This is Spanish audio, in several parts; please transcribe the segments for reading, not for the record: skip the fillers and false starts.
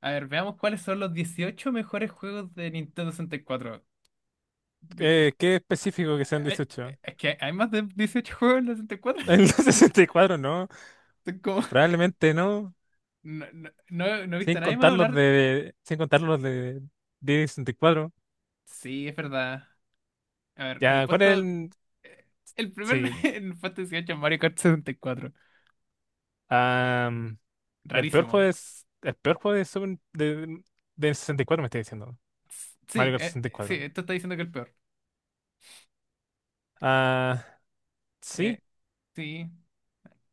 A ver, veamos cuáles son los 18 mejores juegos de Nintendo 64. De- eh, Qué específico que sean 18. Es que hay más de 18 juegos en la 64. En Mm. los 64, ¿no? Son como- Probablemente no. No, no, no, no he visto a nadie más hablar. Sin contar los de 10 y 64. Sí, es verdad. A ver, en el Ya, ¿cuál es puesto. el? Eh, El primer Sí. en el puesto 18 es Mario Kart 64. am, el peor Rarísimo. juego es. El peor juego de 64 me estoy diciendo. S- Sí, Mario Kart eh, sí, 64. esto está diciendo que es el peor. Ah, Eh, sí. sí.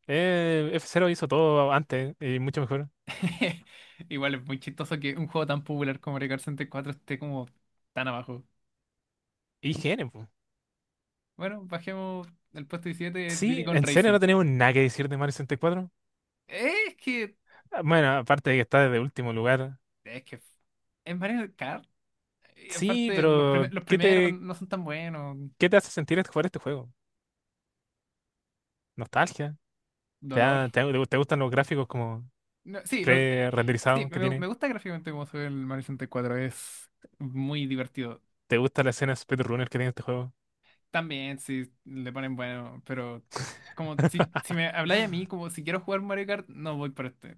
F-Zero hizo todo antes y mucho mejor. Igual es muy chistoso que un juego tan popular como Mario Kart 64 esté como tan abajo. Y IGN, po. Bueno, bajemos el puesto 17 Diddy Sí, Kong en serio Racing. no tenemos nada que decir de Mario 64. Eh, Es que, Ah, bueno, aparte de que está de último lugar. es que es Mario Kart. Y Sí, aparte, pero los ¿qué primeros te, no son tan buenos. qué te hace sentir es jugar este juego? ¿Nostalgia? ¿Te, Dolor. da- te, te te gustan los gráficos como No, sí, sí pre-renderizados que me tiene? gusta gráficamente cómo se ve el Mario 64. Es muy divertido. ¿Te gusta la escena speedrunner que tiene este juego? También, sí, le ponen bueno, pero como si me habláis a mí, como si quiero jugar Mario Kart, no voy por este.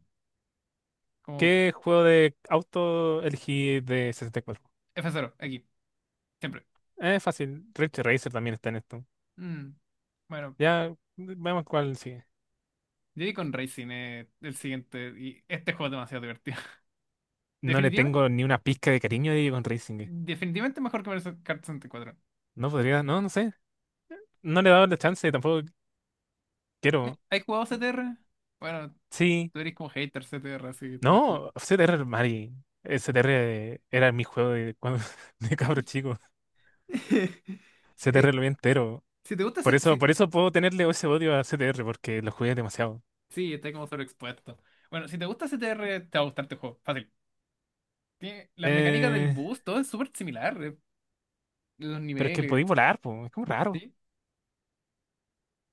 Como ¿Qué juego de auto elegí de 64? F0, aquí, siempre. Es fácil, Ridge Racer también está en esto. Mm, Bueno, Ya, vemos cuál sigue. Diddy con Racing es el siguiente. Y este juego es demasiado divertido. No le Definitivamente, tengo ni una pizca de cariño a Digital Racing. definitivamente, mejor que Mario Kart 64. No podría, no, no sé. No le he dado la chance, tampoco quiero. ¿Has jugado CTR? Bueno, Sí, tú eres como hater CTR, así que tampoco. no, CTR, Mari. CTR era mi juego de, cuando, de cabro chico. Eh, CTR lo vi entero. si te gusta. C- Si... Por eso puedo tenerle ese odio a CTR, porque lo jugué demasiado. Sí, está como sobreexpuesto. Bueno, si te gusta CTR, te va a gustar este juego. Fácil. Tiene las mecánicas del Eh, bus, todo es súper similar. Los pero es que niveles. podéis volar, po, es como raro. ¿Sí?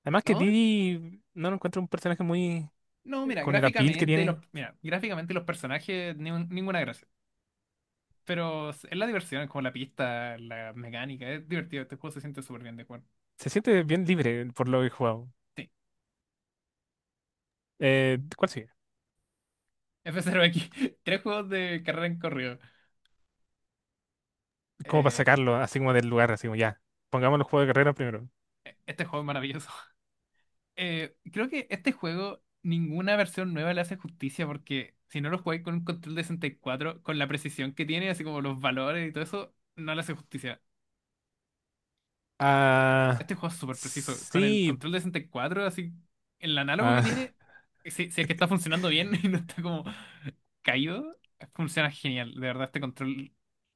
Además que ¿No? Didi no lo encuentro un personaje muy No, mira, con el apil que gráficamente los. tiene. Mira, gráficamente los personajes, ninguna gracia. Pero es la diversión, es como la pista, la mecánica, es divertido. Este juego se siente súper bien de jugar. Se siente bien libre por lo que he jugado. Sí. ¿Cuál sigue? F0 X, tres juegos de carrera en corrido. Como para Eh, sacarlo, así como del lugar, así como ya. Pongamos los juegos de carrera primero. Este juego es maravilloso. Creo que este juego, ninguna versión nueva le hace justicia porque si no lo jugáis con un control de 64, con la precisión que tiene, así como los valores y todo eso, no le hace justicia. Ah, Este juego es súper preciso. Con el sí. control de 64, así, el análogo que Ah, tiene, si es que está funcionando bien y no está como Kaido, funciona genial. De verdad, este control.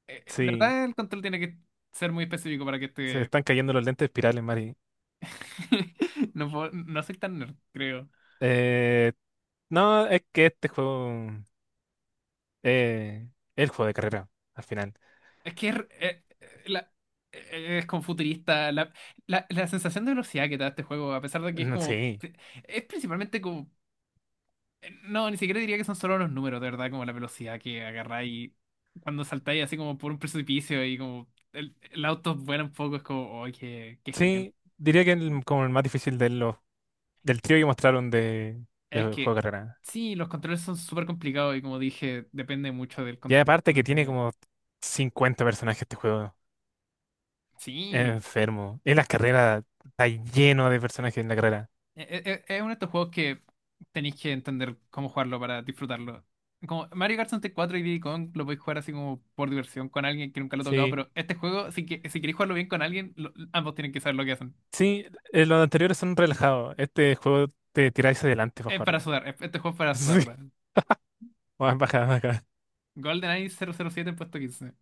eh, eh, de sí. verdad, el control tiene que ser muy específico para que Se este. están cayendo los lentes espirales, Mari. No, no soy tan nerd, creo. Eh, no, es que este juego eh, es el juego de carrera, al final. Es que es, eh, eh, la- es como futurista. La sensación de velocidad que te da este juego, a pesar de que es No, como. sí, Es principalmente como. No, ni siquiera diría que son solo los números, de verdad, como la velocidad que agarráis cuando saltáis así como por un precipicio y como el auto vuela un poco, es como, ¡ay, qué, genial! sí, diría que como el más difícil de los, del trío que mostraron de Es juego que de carrera. sí, los controles son súper complicados y como dije, depende mucho del Y control aparte que que tiene tengáis. como 50 personajes este juego. Es Sí, enfermo. En las carreras está lleno de personajes en la carrera. Es uno de estos juegos que tenéis que entender cómo jugarlo para disfrutarlo. Como Mario Kart 64 y Diddy Kong lo podéis jugar así como por diversión con alguien que nunca lo ha tocado, Sí, pero este juego, si queréis jugarlo bien con alguien, ambos tienen que saber lo que hacen. sí, los anteriores son relajados. Este juego te tiráis adelante para Es para jugarlo. sudar, este juego es para sudar, ¿verdad? Sí, baja, baja. GoldenEye 007 en puesto 15.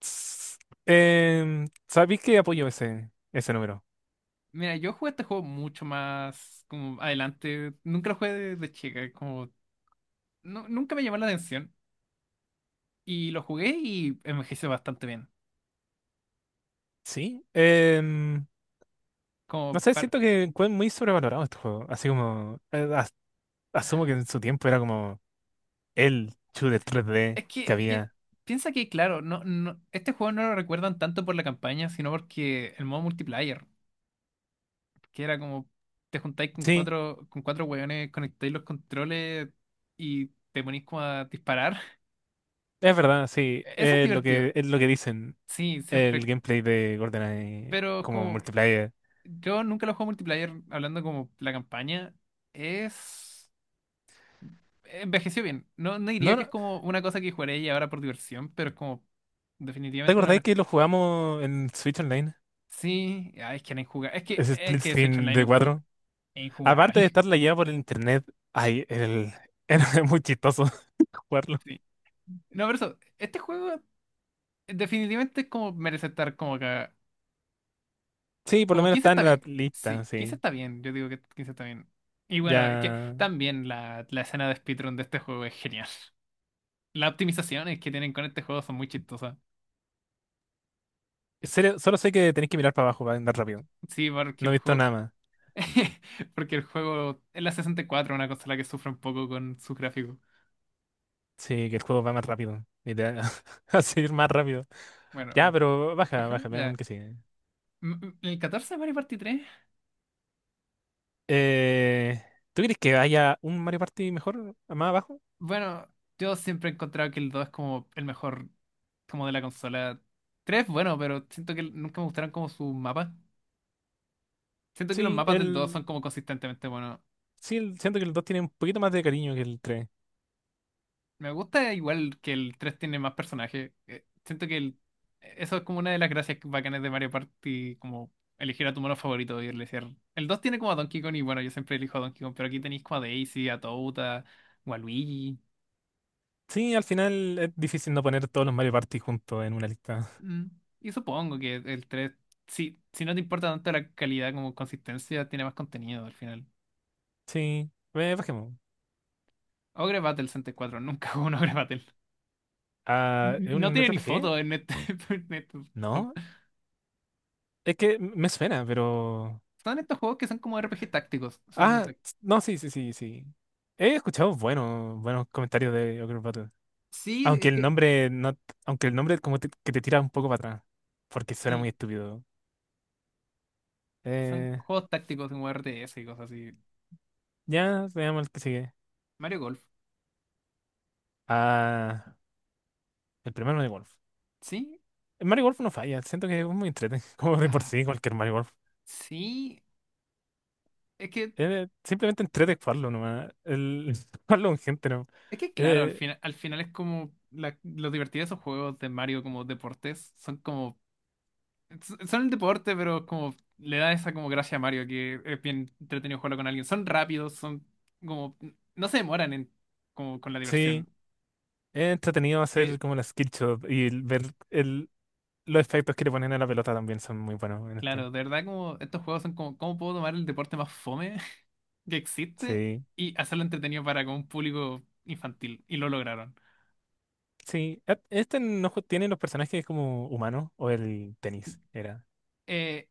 S- ¿Sabéis que apoyo ese, ese número? Mira, yo jugué este juego mucho más como adelante. Nunca lo jugué de chica, como no, nunca me llamó la atención y lo jugué y envejeció bastante bien. Sí. No Como sé, par- siento que fue muy sobrevalorado este juego. Así como, asumo que en su tiempo era como el shooter 3D Es que que había. piensa que, claro, este juego no lo recuerdan tanto por la campaña, sino porque el modo multiplayer, que era como te juntáis con Sí, cuatro, con cuatro hueones, conectáis los controles y te ponís como a disparar. es verdad, sí. Eso es divertido. Es lo que dicen Sí, siempre. el gameplay de GoldenEye Pero como como multiplayer. yo nunca lo juego multiplayer hablando como la campaña es. Envejeció bien. No, no No, diría que es no, como una cosa que jugaré y ahora por diversión, pero es como ¿te definitivamente una de acordáis las... que lo jugamos en Switch Online? Sí, ah, es que era injugable. Es que, Ese es split que Switch screen Online de es 4. es Aparte de injugable. estar lagueado por el internet, ay, era muy chistoso jugarlo. Sí. No, pero eso, este juego definitivamente es como merece estar como acá. Sí, por lo Como menos 15 está está en la bien. lista, Sí, 15 sí. está bien. Yo digo que 15 está bien. Y bueno, es que Ya. también la escena de speedrun de este juego es genial. Las optimizaciones que tienen con este juego son muy chistosas. En serio, solo sé que tenéis que mirar para abajo para andar rápido. Sí, No he visto nada más. Porque el juego es la 64, una consola que sufre un poco con sus gráficos. Sí, que el juego va más rápido. Literal. Va a seguir más rápido. Ya, Bueno, pero baja, bajemos, baja, veamos el ya. que sigue. El 14 de Mario Party 3. Eh, ¿Tú crees que haya un Mario Party mejor, más abajo? Bueno, yo siempre he encontrado que el 2 es como el mejor como de la consola. Tres, bueno, pero siento que nunca me gustaron como sus mapas. Siento que los Sí, mapas del 2 son el. como consistentemente buenos. Sí, siento que el 2 tiene un poquito más de cariño que el tres. Me gusta igual que el 3 tiene más personajes. Siento que eso es como una de las gracias bacanas de Mario Party, como elegir a tu mono favorito y elegir. El 2 tiene como a Donkey Kong y bueno, yo siempre elijo a Donkey Kong, pero aquí tenéis como a Daisy, a Toad, a o a Luigi. Sí, al final es difícil no poner todos los Mario Party juntos en una lista. Mm, Y supongo que el tres, si no te importa tanto la calidad como consistencia, tiene más contenido al final. Sí, bajemos. Ogre Battle 64, nunca jugué un Ogre Battle. Ah, ¿es No un tiene ni RPG? foto en este, en este top. No. Es que me suena, pero. Son estos juegos que son como RPG tácticos. Son Ah, no, sí, sí, sí, sí. He escuchado buenos, buenos comentarios de Ogre Battle. Sí, Aunque es el que. nombre no, aunque el nombre como que te tira un poco para atrás. Porque suena muy Sí, estúpido. son Eh, juegos tácticos en RTS y cosas así. ya, veamos el que sigue. Mario Golf. Ah, el primer Mario Golf. Sí. El Mario Golf no falla, siento que es muy entretenido, como de por Ah, sí, cualquier Mario Golf. sí. Es que. Simplemente entrete jugarlo nomás. El jugarlo con gente, ¿no? Es que claro, al Eh, final, al final es como lo divertido de esos juegos de Mario como deportes. Son como. Son el deporte, pero como le da esa como gracia a Mario que es bien entretenido jugarlo con alguien. Son rápidos, son como. No se demoran en como con la sí, diversión. es entretenido hacer Que, como la skill shot y el ver el Los efectos que le ponen a la pelota también son muy buenos en claro, este. de verdad como estos juegos son como, ¿cómo puedo tomar el deporte más fome que existe Sí, y hacerlo entretenido para con un público infantil? Y lo lograron. sí. Ah, este no ju- tiene los personajes como humanos o el tenis, era. Eh,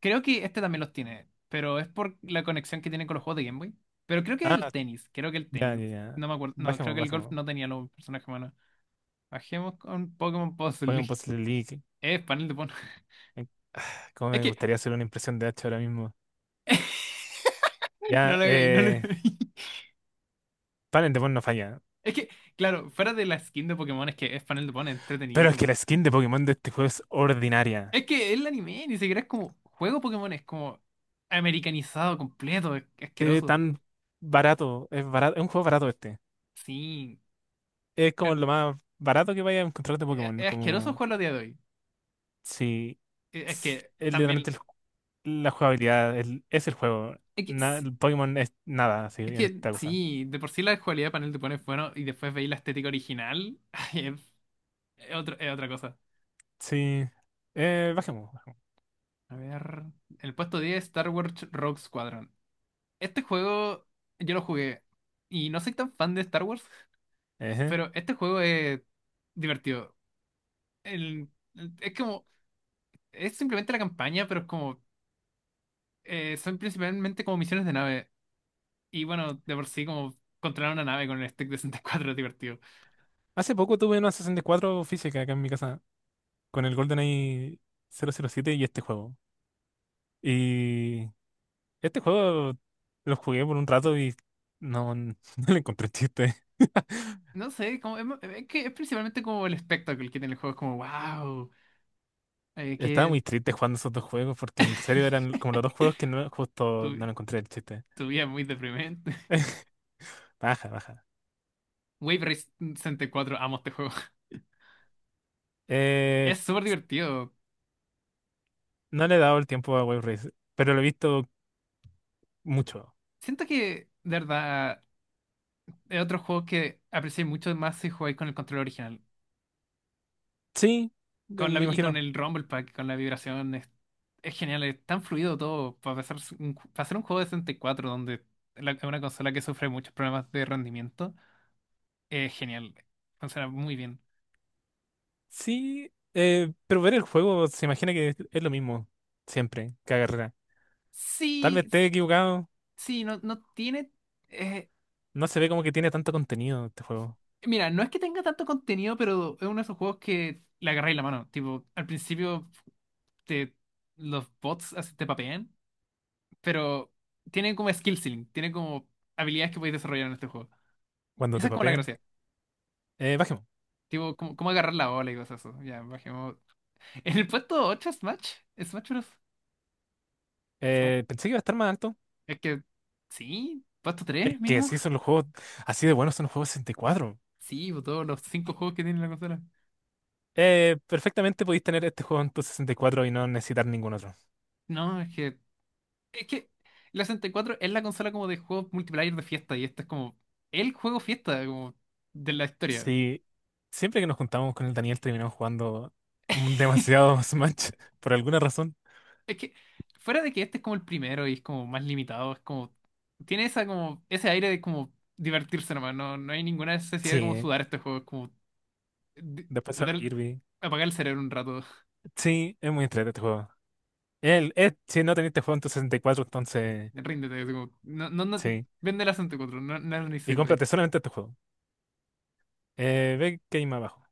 creo que este también los tiene, pero es por la conexión que tienen con los juegos de Game Boy. Pero creo que es el Ah, tenis, creo que el tenis. ya, No, ya, ya. no me acuerdo, no, creo Bajemos, que el golf bajemos. no tenía los personajes humanos. Bajemos con Pokémon Puzzle. Pongan Puzzle League. Es panel de Pokémon. Eh, ah, Cómo Es me que, gustaría hacer una impresión de H ahora mismo. no Yalo hagáis, no lo hagáis. Talent Demon no falla. Es que, claro, fuera de la skin de Pokémon, es que es panel de Pokémon, es Pero es que entretenidísimo. la skin de Pokémon de este juego es ordinaria. Es que el anime ni siquiera es como juego Pokémon, es como americanizado completo, es Se ve asqueroso. tan barato. Es barato. Es un juego barato este. Sí, Es como pero lo más barato que vaya a encontrar de es, Pokémon. es asqueroso Como. jugarlo a día de hoy. Sí. Es que Es literalmente también, el la jugabilidad es el juego. es que, Na- sí- el Pokémon es nada, así, es en que esta cosa. sí, de por sí la cualidad de panel te pone bueno y después veis la estética original, ay, es, es otra cosa. Sí. Bajemos. A ver, el puesto 10. Star Wars Rogue Squadron. Este juego yo lo jugué y no soy tan fan de Star Wars, Ejé. pero este juego es divertido. El- es como, es simplemente la campaña, pero es como, son principalmente como misiones de nave. Y bueno, de por sí, como controlar una nave con el stick de 64 es divertido. Hace poco tuve una 64 física acá en mi casa con el GoldenEye 007 y este juego. Y este juego lo jugué por un rato y no, no le encontré chiste. No sé, como, es que es principalmente como el espectáculo que tiene el juego. Es como, wow, Estaba que muy triste jugando esos dos juegos porque en serio eran como los dos juegos que no, justo tu, no le encontré el chiste. tu vida es muy deprimente. Baja, baja. Wave Race 64, amo este juego. Eh, Es súper divertido. no le he dado el tiempo a Wave Race, pero lo he visto mucho. Siento que, de verdad, es otro juego que aprecié mucho más si jugáis con el control original. Sí, Con la, me vi- y con imagino. el Rumble Pack, con la vibración, es genial, es tan fluido todo. Para hacer un juego de 64 donde es una consola que sufre muchos problemas de rendimiento, es genial, funciona muy bien. Sí, pero ver el juego se imagina que es lo mismo, siempre, cada carrera. Tal vez Sí, esté equivocado, sí, no, no tiene. eh, no se ve como que tiene tanto contenido este juego mira, no es que tenga tanto contenido, pero es uno de esos juegos que le agarráis la mano. Tipo, al principio te, los bots así te papean, pero tiene como skill ceiling, tiene como habilidades que podéis desarrollar en este juego. Y cuando esa te es como la papean. gracia. Bajemos. Tipo, ¿cómo agarrar la bola y cosas así? Ya, bajemos. En el puesto 8 Smash, Bros. Supongo- Pensé que iba a estar más alto. Es que, sí, puesto Es 3 que mínimo. así son los juegos, así de buenos son los juegos 64. Sí, pues, todos los 5 juegos que tiene la consola. Perfectamente podéis tener este juego en tu 64 y cuatro y no necesitar ningún otro. No, es que la 64 es la consola como de juegos multiplayer de fiesta y este es como el juego fiesta como de la historia. Sí, siempre que nos juntamos con el Daniel terminamos jugando demasiado Smash por alguna razón. Es que, fuera de que este es como el primero y es como más limitado, es como, tiene esa como, ese aire de como divertirse nomás, no hay ninguna necesidad de como Sí, sudar este juego, es como de- después a tratar Kirby. apagar el cerebro un rato. Sí, es muy entretenido este juego. Si no teniste juego en tu 64, entonces Ríndete, así como, no, no, no, sí. vende la 64, no, no lo Y necesito ahí. cómprate solamente este juego. Ve que hay más abajo.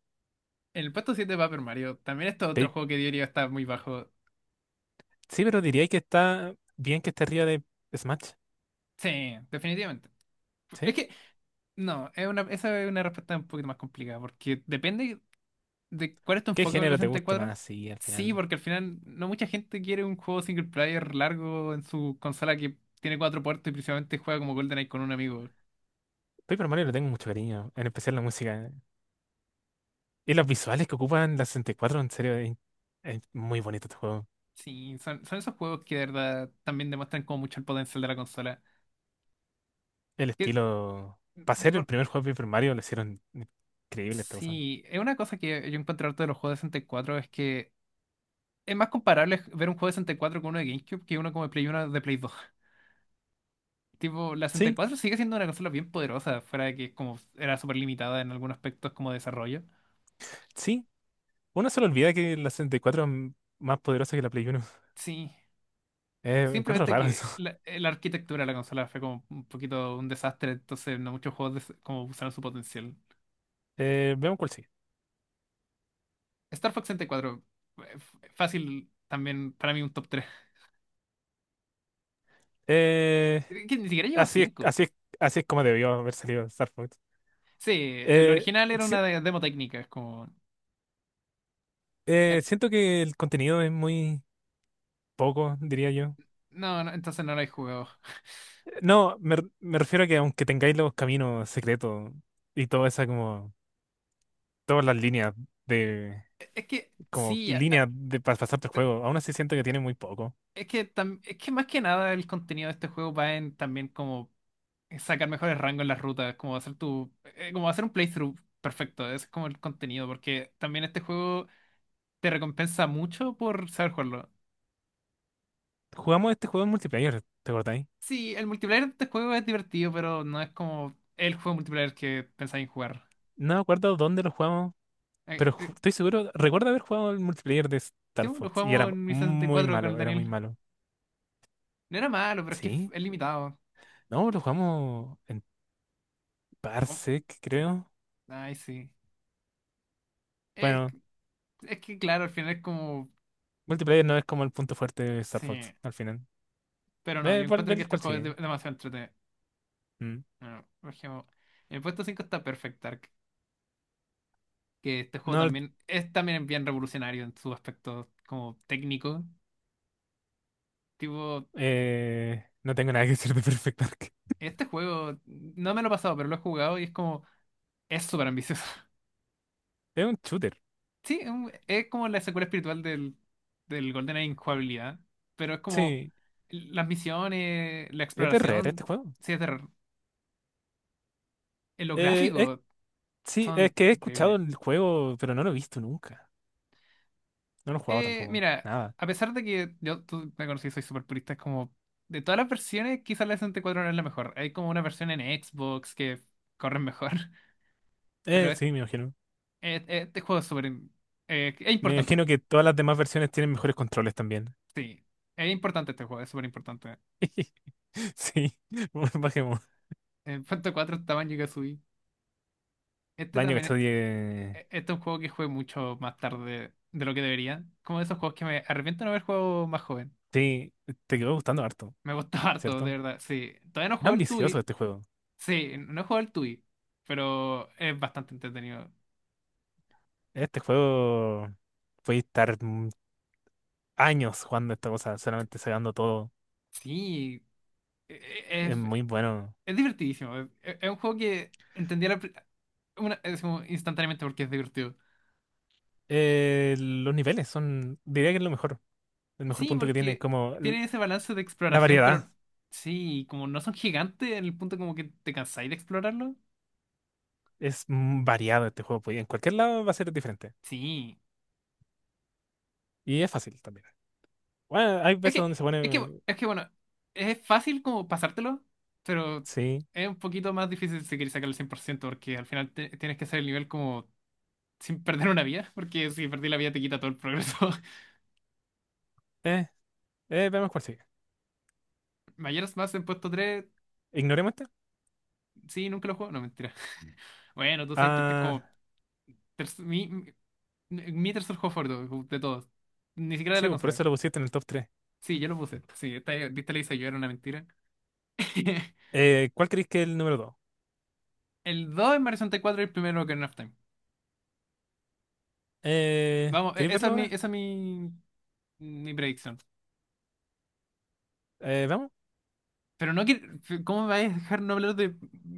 En el puesto siete va Paper Mario, también esto es otro Pe- juego que diría está muy bajo. Sí, pero diría que está bien que esté arriba de Smash. Sí, definitivamente. Es ¿Sí? que, no, esa es una respuesta un poquito más complicada, porque depende de cuál es tu ¿Qué enfoque en la género te guste 64. más? Sí, al Sí, final. porque al final no mucha gente quiere un juego single player largo en su consola que tiene cuatro puertos y principalmente juega como GoldenEye con un amigo. Paper Mario le tengo mucho cariño, en especial la música. Y los visuales que ocupan la 64, en serio, es muy bonito este juego. Sí, son esos juegos que de verdad también demuestran como mucho el potencial de la consola. El Que, estilo. Para de ser el por primer juego de Paper Mario, lo hicieron increíble esta cosa. sí, es una cosa que yo encuentro harto de los juegos de 64 es que es más comparable ver un juego de 64 con uno de GameCube que uno como de Play 1 de Play 2. Tipo, la Sí, 64 sigue siendo una consola bien poderosa, fuera de que como era súper limitada en algunos aspectos como desarrollo. sí. Uno se le olvida que la 64 es más poderosa que la Play uno. Sí, Encuentro simplemente raro que eso. la arquitectura de la consola fue como un poquito un desastre, entonces no muchos juegos como usaron su potencial. Veamos cuál sigue. Star Fox 64, fácil también para mí un top tres. Eh, Que ni siquiera llegó a Así es, 5. así es, así es como debió haber salido Star Fox. Sí, el Eh, original era si- una demo técnica, es como eh, Siento que el contenido es muy poco, diría yo. no, no, entonces no lo he jugado. No, me refiero a que aunque tengáis los caminos secretos y toda esa como, todas las líneas de, Es que, como sí, líneas de para pasarte el juego, aún así siento que tiene muy poco. Es que más que nada el contenido de este juego va en también como sacar mejores rangos en las rutas, como hacer un playthrough perfecto, ese es como el contenido, porque también este juego te recompensa mucho por saber jugarlo. Jugamos este juego en multiplayer, ¿te acordáis? Sí, el multiplayer de este juego es divertido, pero no es como el juego multiplayer que pensaba en jugar. No me acuerdo dónde lo jugamos. Pero Eh, eh, estoy seguro, recuerdo haber jugado el multiplayer de Star yo lo Fox y jugamos era en mi sesenta y muy cuatro con el malo, era muy Daniel. malo. No era malo, pero es que ¿Sí? es limitado. No, lo jugamos en Es como- Parsec, creo. Ay, sí. Es, Bueno, que- es que claro, al final es como. multiplayer no es como el punto fuerte de Star Fox Sí. al final. Pero no, yo encuentro que Ve este cuál juego es sigue. Demasiado entretenido. Mm. No, por ejemplo, en el puesto 5 está Perfect Dark, que este juego No, también es también bien revolucionario en su aspecto como técnico. Tipo, no tengo nada que decir de Perfect Dark. este juego no me lo he pasado, pero lo he jugado y es como. Es súper ambicioso. Es un shooter. Sí, es es como la secuela espiritual del GoldenEye Injugabilidad, pero es como Sí, las misiones, la es de Rare este exploración, juego. sí, es de terror. Los Eh, es- gráficos sí, es son que he escuchado increíbles. el juego, pero no lo he visto nunca. No lo he jugado tampoco. Mira, Nada. a pesar de que yo, tú me conocí, soy súper purista, es como de todas las versiones, quizás la 64 no es la mejor. Hay como una versión en Xbox que corre mejor. Pero Sí, me imagino. Este juego es súper es Me importante, imagino que todas las demás versiones tienen mejores controles también. sí. Es importante este juego, es súper importante. Sí, bajemos. En Phantom 4 estaba en Banjo-Kazooie. Este Daño que también, estoy. Este es un juego que jugué mucho más tarde de lo que debería. Como de esos juegos que me arrepiento de no haber jugado más joven. Sí, te quedó gustando harto, Me gustó harto, de ¿cierto? verdad. Sí, todavía no Es juego el ambicioso Tui. este juego. Sí, no he jugado el Tui, pero es bastante entretenido. Este juego puede estar años jugando esta cosa, solamente sacando todo. Sí, e- e- es, Es muy bueno. es divertidísimo. Es un juego que entendí a una, es como instantáneamente porque es divertido. Los niveles son, diría que es lo mejor. El mejor Sí, punto que tiene, porque como tiene ese balance de la exploración, pero variedad. sí, como no son gigantes en el punto como que te cansáis de explorarlo. Es variado este juego, pues, y en cualquier lado va a ser diferente. Sí. Y es fácil también. Bueno, hay Es veces que, donde se es que, pone. es que bueno, es fácil como pasártelo, pero Sí. es un poquito más difícil si quieres sacar el 100% porque al final tienes que hacer el nivel como sin perder una vida, porque si perdí la vida te quita todo el progreso. eh, Veamos cuál sigue. Mayoras más en puesto tres. ¿Ignoremos esta? Sí, nunca lo juego, no, mentira. Bueno, tú sabes que este es como Ah, terc- mi, mi tercer juego favorito de todos, ni siquiera de sí, la pues por consola. eso lo pusiste en el top tres. Sí, yo lo puse, sí, esta le hice yo, era una mentira. ¿Cuál creéis que es el número dos? El 2 es Mario 64 y cuatro y el primero que of Time. Vamos, ¿Queréis esa es verlo mi, ahora? esa es mi, mi predicción. ¿Vamos? Pero no que. ¿Cómo me vais a dejar no hablar de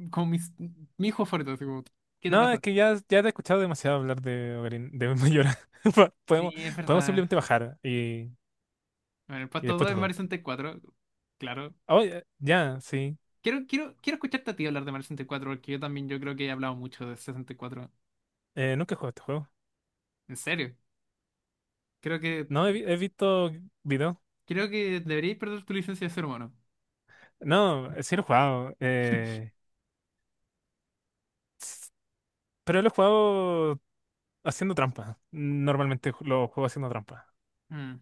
con mi hijo fuerte? Así como, ¿qué te No, es pasa? que ya, ya te he escuchado demasiado hablar de Ocarina, de Mayora. Po- Sí, Podemos, es Podemos verdad. simplemente bajar y, Bueno, el y puesto después 2 te es Mario pregunto. 64. Claro. Oh, ya, ya, sí. Quiero escucharte a ti hablar de Mario 64 porque yo también yo creo que he hablado mucho de 64. Nunca he jugado este juego. En serio. Creo que, No, he visto videos. creo que deberíais perder tu licencia de ser humano. No, sí lo he jugado. S- pero lo he jugado haciendo trampa. Normalmente lo juego haciendo trampa. Mm.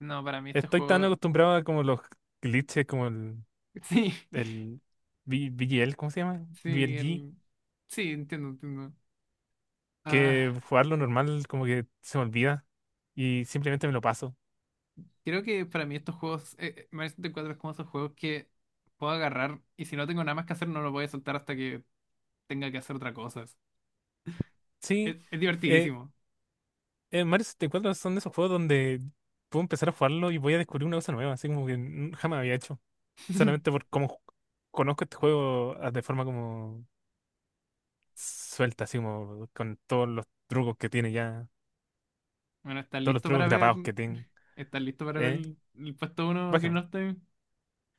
No, para mí este Estoy tan juego. acostumbrado a como los glitches, como Sí, el BGL, ¿cómo se llama? sí, BLG, el. Sí, entiendo, entiendo. Ah. que jugarlo normal como que se me olvida y simplemente me lo paso. Creo que para mí estos juegos, Mario 64 es como esos juegos que puedo agarrar y si no tengo nada más que hacer no lo voy a soltar hasta que tenga que hacer otra cosa. Es, Sí, es eh, divertidísimo. Mario 64 son de esos juegos donde puedo empezar a jugarlo y voy a descubrir una cosa nueva, así como que nunca jamás había hecho. Solamente por cómo conozco este juego de forma como suelta, así como con todos los trucos que tiene ya, Bueno, ¿estás todos los listo trucos para ver? grabados que tiene. ¿Estás listo para ver ¿Eh? el puesto uno que no Bájame, está?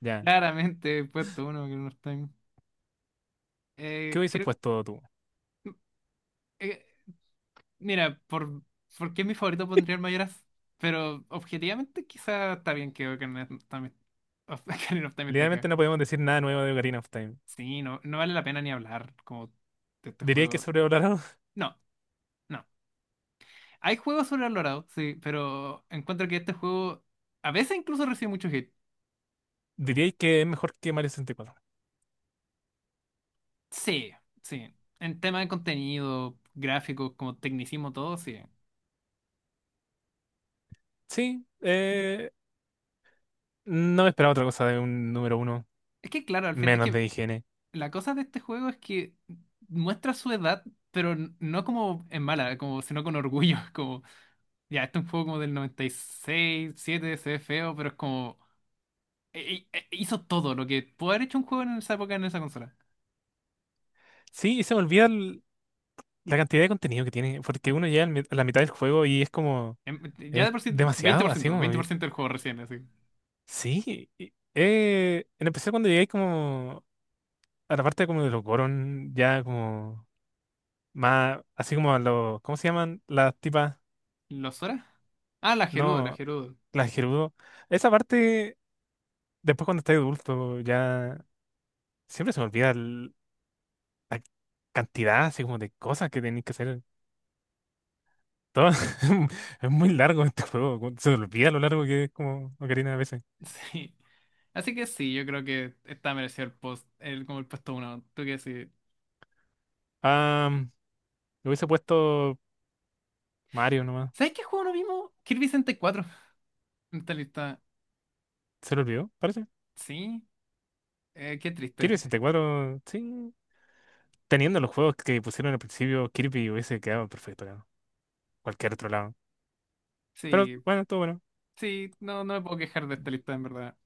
ya. Claramente, el puesto uno que no está. ¿Qué hubiese Creo, puesto tú? eh, mira, ¿por qué mi favorito pondría el Mayoras? Pero objetivamente quizá está bien que Ocarina of Time, of- Ocarina of Time esté Literalmente acá. no podemos decir nada nuevo de Ocarina of Time. Sí, no, no vale la pena ni hablar como de este ¿Diríais que es juego. sobrevalorado? No, no. Hay juegos sobrevalorados, sí, pero encuentro que este juego a veces incluso recibe mucho hate. ¿Diríais que es mejor que Mario 64? Sí, sí. En tema de contenido, gráficos, como tecnicismo, todo, sí. Sí, no esperaba otra cosa de un número uno, Es que claro, al final, es menos que de higiene. la cosa de este juego es que muestra su edad, pero no como en mala, como, sino con orgullo. Como, ya, este es un juego como del 96, 7, se ve feo, pero es como. Hizo todo lo que pudo haber hecho un juego en esa época en esa consola. Sí, y se me olvida la cantidad de contenido que tiene, porque uno llega a la mitad del juego y es como, Em, Ya es de por sí, demasiado, así 20%, como, 20% del juego recién, así. sí. En especial cuando llegáis como a la parte como de los Goron, ya como más, así como a los, ¿cómo se llaman? Las tipas, ¿Los horas? Ah, la Gerudo, la no, Gerudo. las Gerudo. Esa parte después cuando estás adulto, ya siempre se me olvida la cantidad así como de cosas que tenéis que hacer. Todo, es muy largo este juego, se me olvida lo largo que es como Ocarina a veces. Sí. Así que sí, yo creo que está merecido como el puesto uno. ¿Tú qué decís? Ah, le hubiese puesto Mario nomás, ¿Sabes qué juego no vimos? Kirby 64 en esta lista. se lo olvidó, parece. Sí. Qué Kirby triste. 64 sí. Teniendo los juegos que pusieron al principio, Kirby hubiese quedado perfecto, creo. Cualquier otro lado. Pero Sí, bueno, todo bueno. Sí, no, no me puedo quejar de esta lista, en verdad.